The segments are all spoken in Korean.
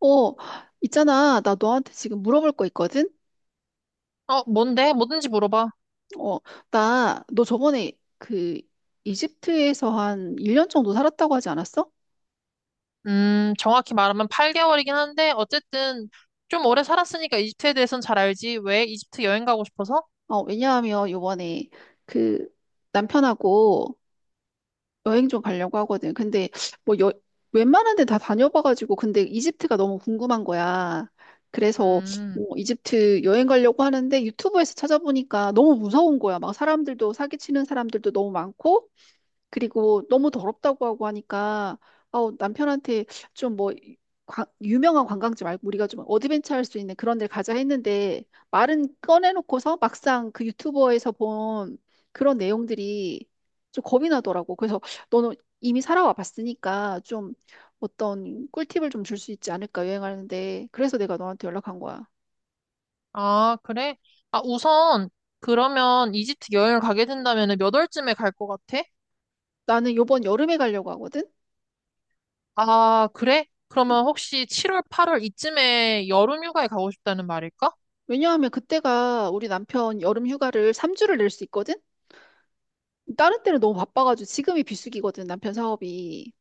어, 있잖아. 나 너한테 지금 물어볼 거 있거든? 어, 뭔데? 뭐든지 물어봐. 어, 나, 너 저번에 그 이집트에서 한 1년 정도 살았다고 하지 않았어? 정확히 말하면 8개월이긴 한데, 어쨌든 좀 오래 살았으니까 이집트에 대해서는 잘 알지. 왜 이집트 여행 가고 싶어서? 어, 왜냐하면 요번에 그 남편하고 여행 좀 가려고 하거든. 근데 뭐 여, 웬만한 데 다 다녀봐가지고 근데 이집트가 너무 궁금한 거야. 그래서 음. 이집트 여행 가려고 하는데 유튜브에서 찾아보니까 너무 무서운 거야. 막 사람들도 사기치는 사람들도 너무 많고 그리고 너무 더럽다고 하고 하니까 남편한테 좀 뭐 유명한 관광지 말고 우리가 좀 어드벤처 할 수 있는 그런 데 가자 했는데 말은 꺼내놓고서 막상 그 유튜버에서 본 그런 내용들이 좀 겁이 나더라고. 그래서 너는 이미 살아와 봤으니까 좀 어떤 꿀팁을 좀 줄 수 있지 않을까 여행하는데 그래서 내가 너한테 연락한 거야. 아, 그래? 아, 우선, 그러면 이집트 여행을 가게 된다면 몇 월쯤에 갈 것 같아? 나는 요번 여름에 가려고 하거든. 아, 그래? 그러면 혹시 7월, 8월 이쯤에 여름 휴가에 가고 싶다는 말일까? 왜냐하면 그때가 우리 남편 여름 휴가를 3주를 낼 수 있거든. 다른 때는 너무 바빠가지고 지금이 비수기거든, 남편 사업이.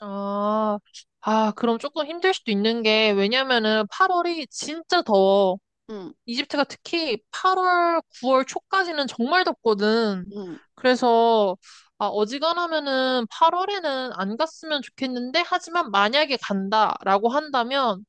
아, 아, 그럼 조금 힘들 수도 있는 게, 왜냐면은 8월이 진짜 더워. 응, 이집트가 특히 8월, 9월 초까지는 정말 덥거든. 응. 그래서, 아, 어지간하면은 8월에는 안 갔으면 좋겠는데 하지만 만약에 간다라고 한다면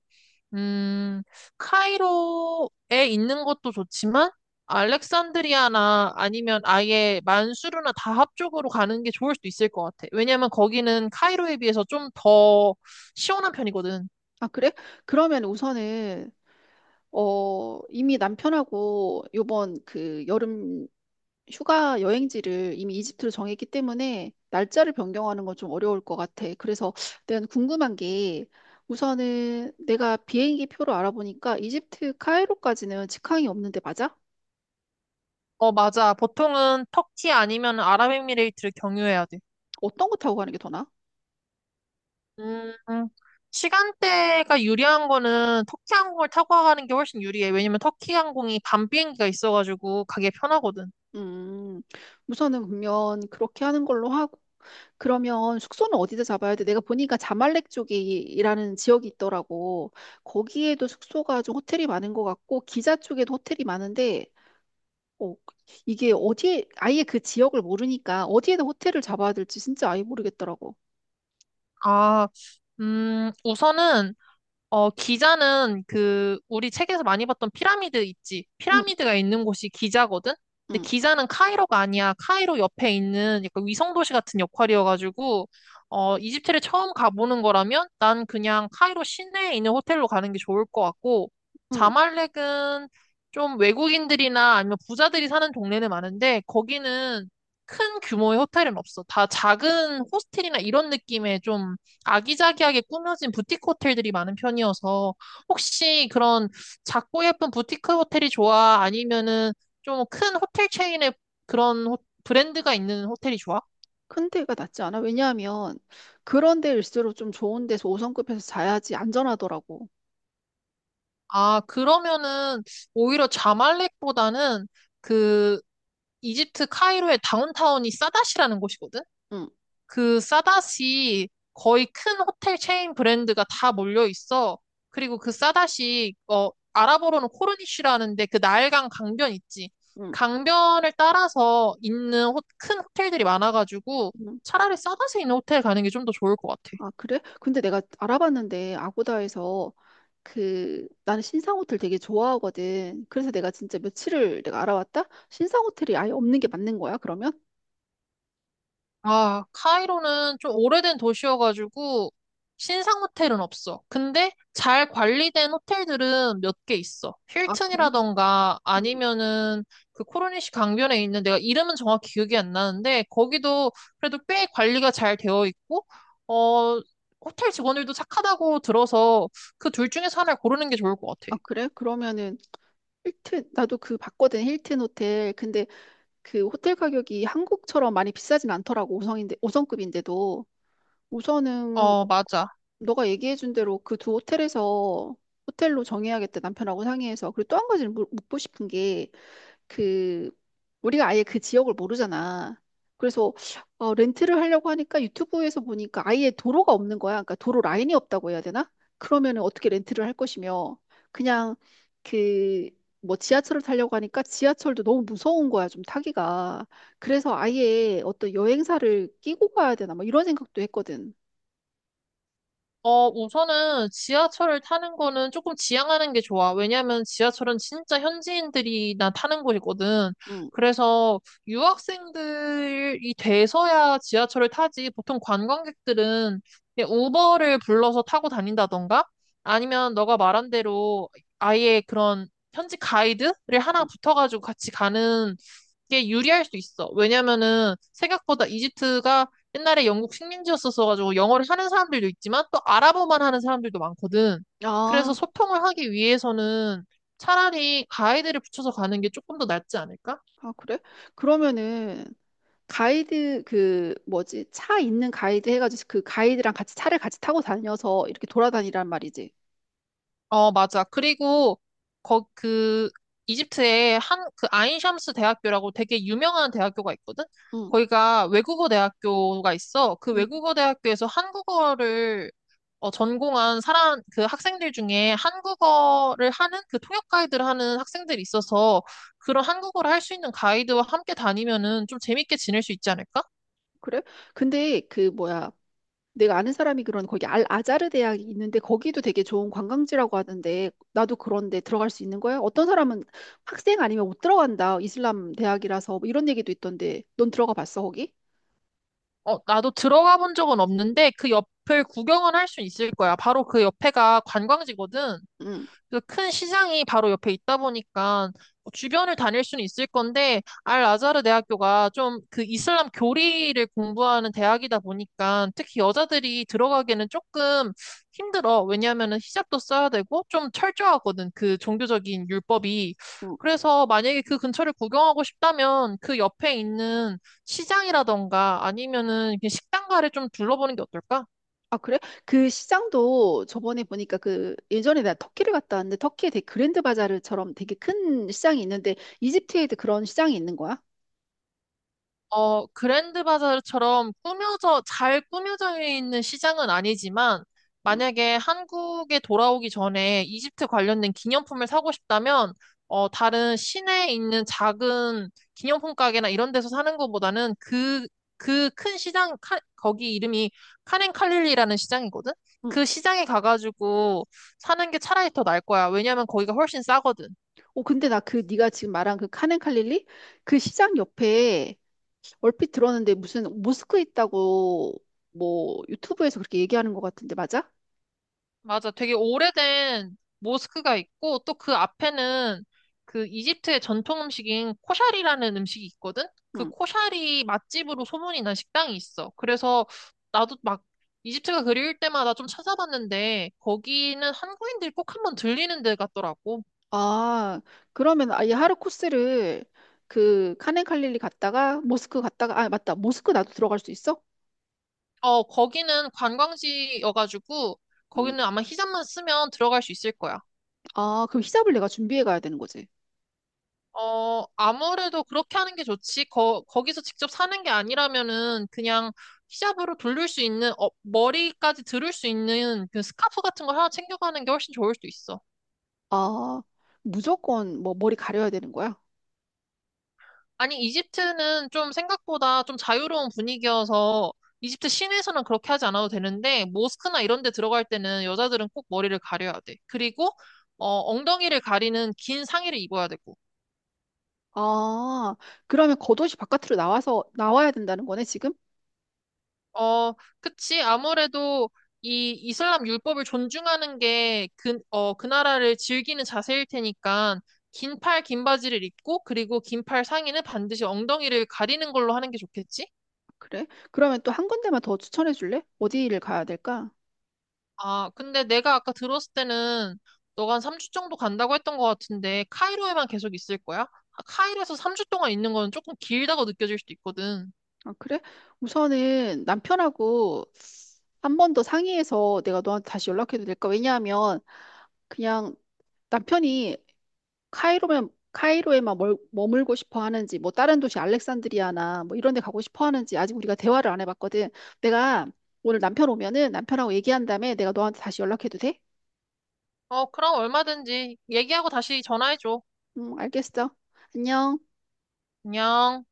음, 카이로에 있는 것도 좋지만 알렉산드리아나 아니면 아예 만수르나 다합 쪽으로 가는 게 좋을 수도 있을 것 같아. 왜냐면 거기는 카이로에 비해서 좀 더 시원한 편이거든. 아, 그래? 그러면 우선은, 이미 남편하고 요번 그 여름 휴가 여행지를 이미 이집트로 정했기 때문에 날짜를 변경하는 건 좀 어려울 것 같아. 그래서 내가 궁금한 게 우선은 내가 비행기 표로 알아보니까 이집트 카이로까지는 직항이 없는데 맞아? 어, 맞아. 보통은 터키 아니면 아랍에미레이트를 경유해야 돼. 어떤 거 타고 가는 게 더 나아? 음, 시간대가 유리한 거는 터키 항공을 타고 가는 게 훨씬 유리해. 왜냐면 터키 항공이 밤 비행기가 있어가지고 가기 편하거든. 음, 우선은 그러면 그렇게 하는 걸로 하고 그러면 숙소는 어디서 잡아야 돼? 내가 보니까 자말렉 쪽이라는 지역이 있더라고. 거기에도 숙소가 좀 호텔이 많은 것 같고 기자 쪽에도 호텔이 많은데 어, 이게 어디에 아예 그 지역을 모르니까 어디에다 호텔을 잡아야 될지 진짜 아예 모르겠더라고. 아, 우선은 기자는 그, 우리 책에서 많이 봤던 피라미드 있지? 응, 피라미드가 있는 곳이 기자거든? 근데 응, 기자는 카이로가 아니야. 카이로 옆에 있는 약간 위성도시 같은 역할이어가지고, 이집트를 처음 가보는 거라면 난 그냥 카이로 시내에 있는 호텔로 가는 게 좋을 것 같고, 응. 자말렉은 좀 외국인들이나 아니면 부자들이 사는 동네는 많은데, 거기는 큰 규모의 호텔은 없어. 다 작은 호스텔이나 이런 느낌의 좀 아기자기하게 꾸며진 부티크 호텔들이 많은 편이어서 혹시 그런 작고 예쁜 부티크 호텔이 좋아? 아니면은 좀 큰 호텔 체인의 그런 브랜드가 있는 호텔이 좋아? 큰 데가 낫지 않아? 왜냐하면 그런 데일수록 좀 좋은 데서 5성급에서 자야지 안전하더라고. 아, 그러면은 오히려 자말렉보다는 그 이집트 카이로의 다운타운이 사다시라는 곳이거든? 응, 그 싸다시 거의 큰 호텔 체인 브랜드가 다 몰려 있어. 그리고 그 싸다시 아랍어로는 코르니시라는데 그 나일강 강변 있지. 응, 강변을 따라서 있는 큰 호텔들이 많아가지고 응. 차라리 싸다시 있는 호텔 가는 게 좀 더 좋을 것 같아. 아, 그래? 근데 내가 알아봤는데 아고다에서 그 나는 신상 호텔 되게 좋아하거든. 그래서 내가 진짜 며칠을 내가 알아봤다. 신상 호텔이 아예 없는 게 맞는 거야, 그러면? 아, 카이로는 좀 오래된 도시여가지고 신상 호텔은 없어. 근데 잘 관리된 호텔들은 몇 개 있어. 아, 그래? 힐튼이라던가 음, 아니면은 그 코르니시 강변에 있는 내가 이름은 정확히 기억이 안 나는데 거기도 그래도 꽤 관리가 잘 되어 있고 어 호텔 직원들도 착하다고 들어서 그 둘 중에서 하나를 고르는 게 좋을 것 같아. 아, 그래? 그러면은 힐튼 나도 그 봤거든. 힐튼 호텔. 근데 그 호텔 가격이 한국처럼 많이 비싸진 않더라고. 5성인데 5성급인데도. 우선은 어, 맞아. 너가 얘기해준 대로 그 두 호텔에서 호텔로 정해야겠다 남편하고 상의해서 그리고 또 한 가지를 묻고 싶은 게 그 우리가 아예 그 지역을 모르잖아. 그래서 렌트를 하려고 하니까 유튜브에서 보니까 아예 도로가 없는 거야. 그러니까 도로 라인이 없다고 해야 되나? 그러면은 어떻게 렌트를 할 것이며 그냥 그 뭐 지하철을 타려고 하니까 지하철도 너무 무서운 거야, 좀 타기가. 그래서 아예 어떤 여행사를 끼고 가야 되나 뭐 이런 생각도 했거든. 어, 우선은 지하철을 타는 거는 조금 지양하는 게 좋아. 왜냐면 지하철은 진짜 현지인들이나 타는 곳이거든. 응. 그래서 유학생들이 돼서야 지하철을 타지. 보통 관광객들은 그냥 우버를 불러서 타고 다닌다던가 아니면 너가 말한 대로 아예 그런 현지 가이드를 하나 붙어가지고 같이 가는 게 유리할 수 있어. 왜냐면은 생각보다 이집트가 옛날에 영국 식민지였어서 가지고 영어를 하는 사람들도 있지만 또 아랍어만 하는 사람들도 많거든. 아, 그래서 소통을 하기 위해서는 차라리 가이드를 붙여서 가는 게 조금 더 낫지 않을까? 아, 그래? 그러면은 가이드 그 뭐지? 차 있는 가이드 해가지고 그 가이드랑 같이 차를 같이 타고 다녀서 이렇게 돌아다니란 말이지. 어, 맞아. 그리고, 거, 그, 이집트에 한, 그, 아인샴스 대학교라고 되게 유명한 대학교가 있거든? 응, 거기가 외국어 대학교가 있어. 그 응, 외국어 대학교에서 한국어를 전공한 사람, 그 학생들 중에 한국어를 하는 그 통역 가이드를 하는 학생들이 있어서 그런 한국어를 할 수 있는 가이드와 함께 다니면은 좀 재밌게 지낼 수 있지 않을까? 그래? 근데 그 뭐야? 내가 아는 사람이 그런 거기 알 아자르 대학이 있는데 거기도 되게 좋은 관광지라고 하던데 나도 그런데 들어갈 수 있는 거야? 어떤 사람은 학생 아니면 못 들어간다. 이슬람 대학이라서 뭐 이런 얘기도 있던데 넌 들어가 봤어 거기? 어, 나도 들어가 본 적은 없는데 그 옆을 구경은 할 수 있을 거야. 바로 그 옆에가 관광지거든. 응. 그래서 큰 시장이 바로 옆에 있다 보니까 뭐 주변을 다닐 수는 있을 건데 알 아자르 대학교가 좀 그 이슬람 교리를 공부하는 대학이다 보니까 특히 여자들이 들어가기에는 조금 힘들어. 왜냐하면 히잡도 써야 되고 좀 철저하거든. 그 종교적인 율법이. 응. 그래서 만약에 그 근처를 구경하고 싶다면 그 옆에 있는 시장이라던가 아니면은 그냥 식당가를 좀 둘러보는 게 어떨까? 아, 그래? 그 시장도 저번에 보니까 그 예전에 나 터키를 갔다 왔는데 터키에 되게 그랜드 바자르처럼 되게 큰 시장이 있는데 이집트에도 그런 시장이 있는 거야? 어, 그랜드 바자르처럼 꾸며져, 잘 꾸며져 있는 시장은 아니지만, 음, 만약에 한국에 돌아오기 전에 이집트 관련된 기념품을 사고 싶다면, 다른 시내에 있는 작은 기념품 가게나 이런 데서 사는 것보다는 그, 큰 시장, 거기 이름이 카렌 칼릴리라는 시장이거든? 음. 그 시장에 가가지고 사는 게 차라리 더 나을 거야. 왜냐면 거기가 훨씬 싸거든. 어, 근데 나 그 네가 지금 말한 그 카넨 칼릴리 그 시장 옆에 얼핏 들었는데 무슨 모스크 있다고 뭐 유튜브에서 그렇게 얘기하는 것 같은데 맞아? 맞아. 되게 오래된 모스크가 있고, 또 그 앞에는 그 이집트의 전통 음식인 코샤리라는 음식이 있거든? 그 음. 코샤리 맛집으로 소문이 난 식당이 있어. 그래서 나도 막 이집트가 그리울 때마다 좀 찾아봤는데, 거기는 한국인들이 꼭 한번 들리는 데 같더라고. 아, 그러면 아예 하루 코스를 그 카넨 칼릴리 갔다가 모스크 갔다가 아, 맞다. 모스크 나도 들어갈 수 있어? 어, 거기는 관광지여가지고, 음. 거기는 아마 히잡만 쓰면 들어갈 수 있을 거야. 아, 그럼 히잡을 내가 준비해 가야 되는 거지. 어, 아무래도 그렇게 하는 게 좋지. 거기서 직접 사는 게 아니라면은 그냥 히잡으로 돌릴 수 있는, 머리까지 들을 수 있는 그 스카프 같은 걸 하나 챙겨가는 게 훨씬 좋을 수도 있어. 아, 무조건 뭐 머리 가려야 되는 거야? 아니, 이집트는 좀 생각보다 좀 자유로운 분위기여서 이집트 시내에서는 그렇게 하지 않아도 되는데, 모스크나 이런 데 들어갈 때는 여자들은 꼭 머리를 가려야 돼. 그리고, 엉덩이를 가리는 긴 상의를 입어야 되고. 아, 그러면 겉옷이 바깥으로 나와서 나와야 된다는 거네, 지금? 어, 그치. 아무래도 이 이슬람 율법을 존중하는 게 그 나라를 즐기는 자세일 테니까 긴 팔, 긴 바지를 입고 그리고 긴팔 상의는 반드시 엉덩이를 가리는 걸로 하는 게 좋겠지? 그래? 그러면 또 한 군데만 더 추천해 줄래? 어디를 가야 될까? 아, 근데 내가 아까 들었을 때는 너가 한 3주 정도 간다고 했던 것 같은데 카이로에만 계속 있을 거야? 아, 카이로에서 3주 동안 있는 건 조금 길다고 느껴질 수도 있거든. 아, 그래? 우선은 남편하고 한 번 더 상의해서 내가 너한테 다시 연락해도 될까? 왜냐하면 그냥 남편이 카이로만 카이로에만 머물고 싶어 하는지 뭐 다른 도시 알렉산드리아나 뭐 이런 데 가고 싶어 하는지 아직 우리가 대화를 안 해봤거든. 내가 오늘 남편 오면은 남편하고 얘기한 다음에 내가 너한테 다시 연락해도 돼? 어, 그럼 얼마든지 얘기하고 다시 전화해줘. 응, 알겠어. 안녕. 안녕.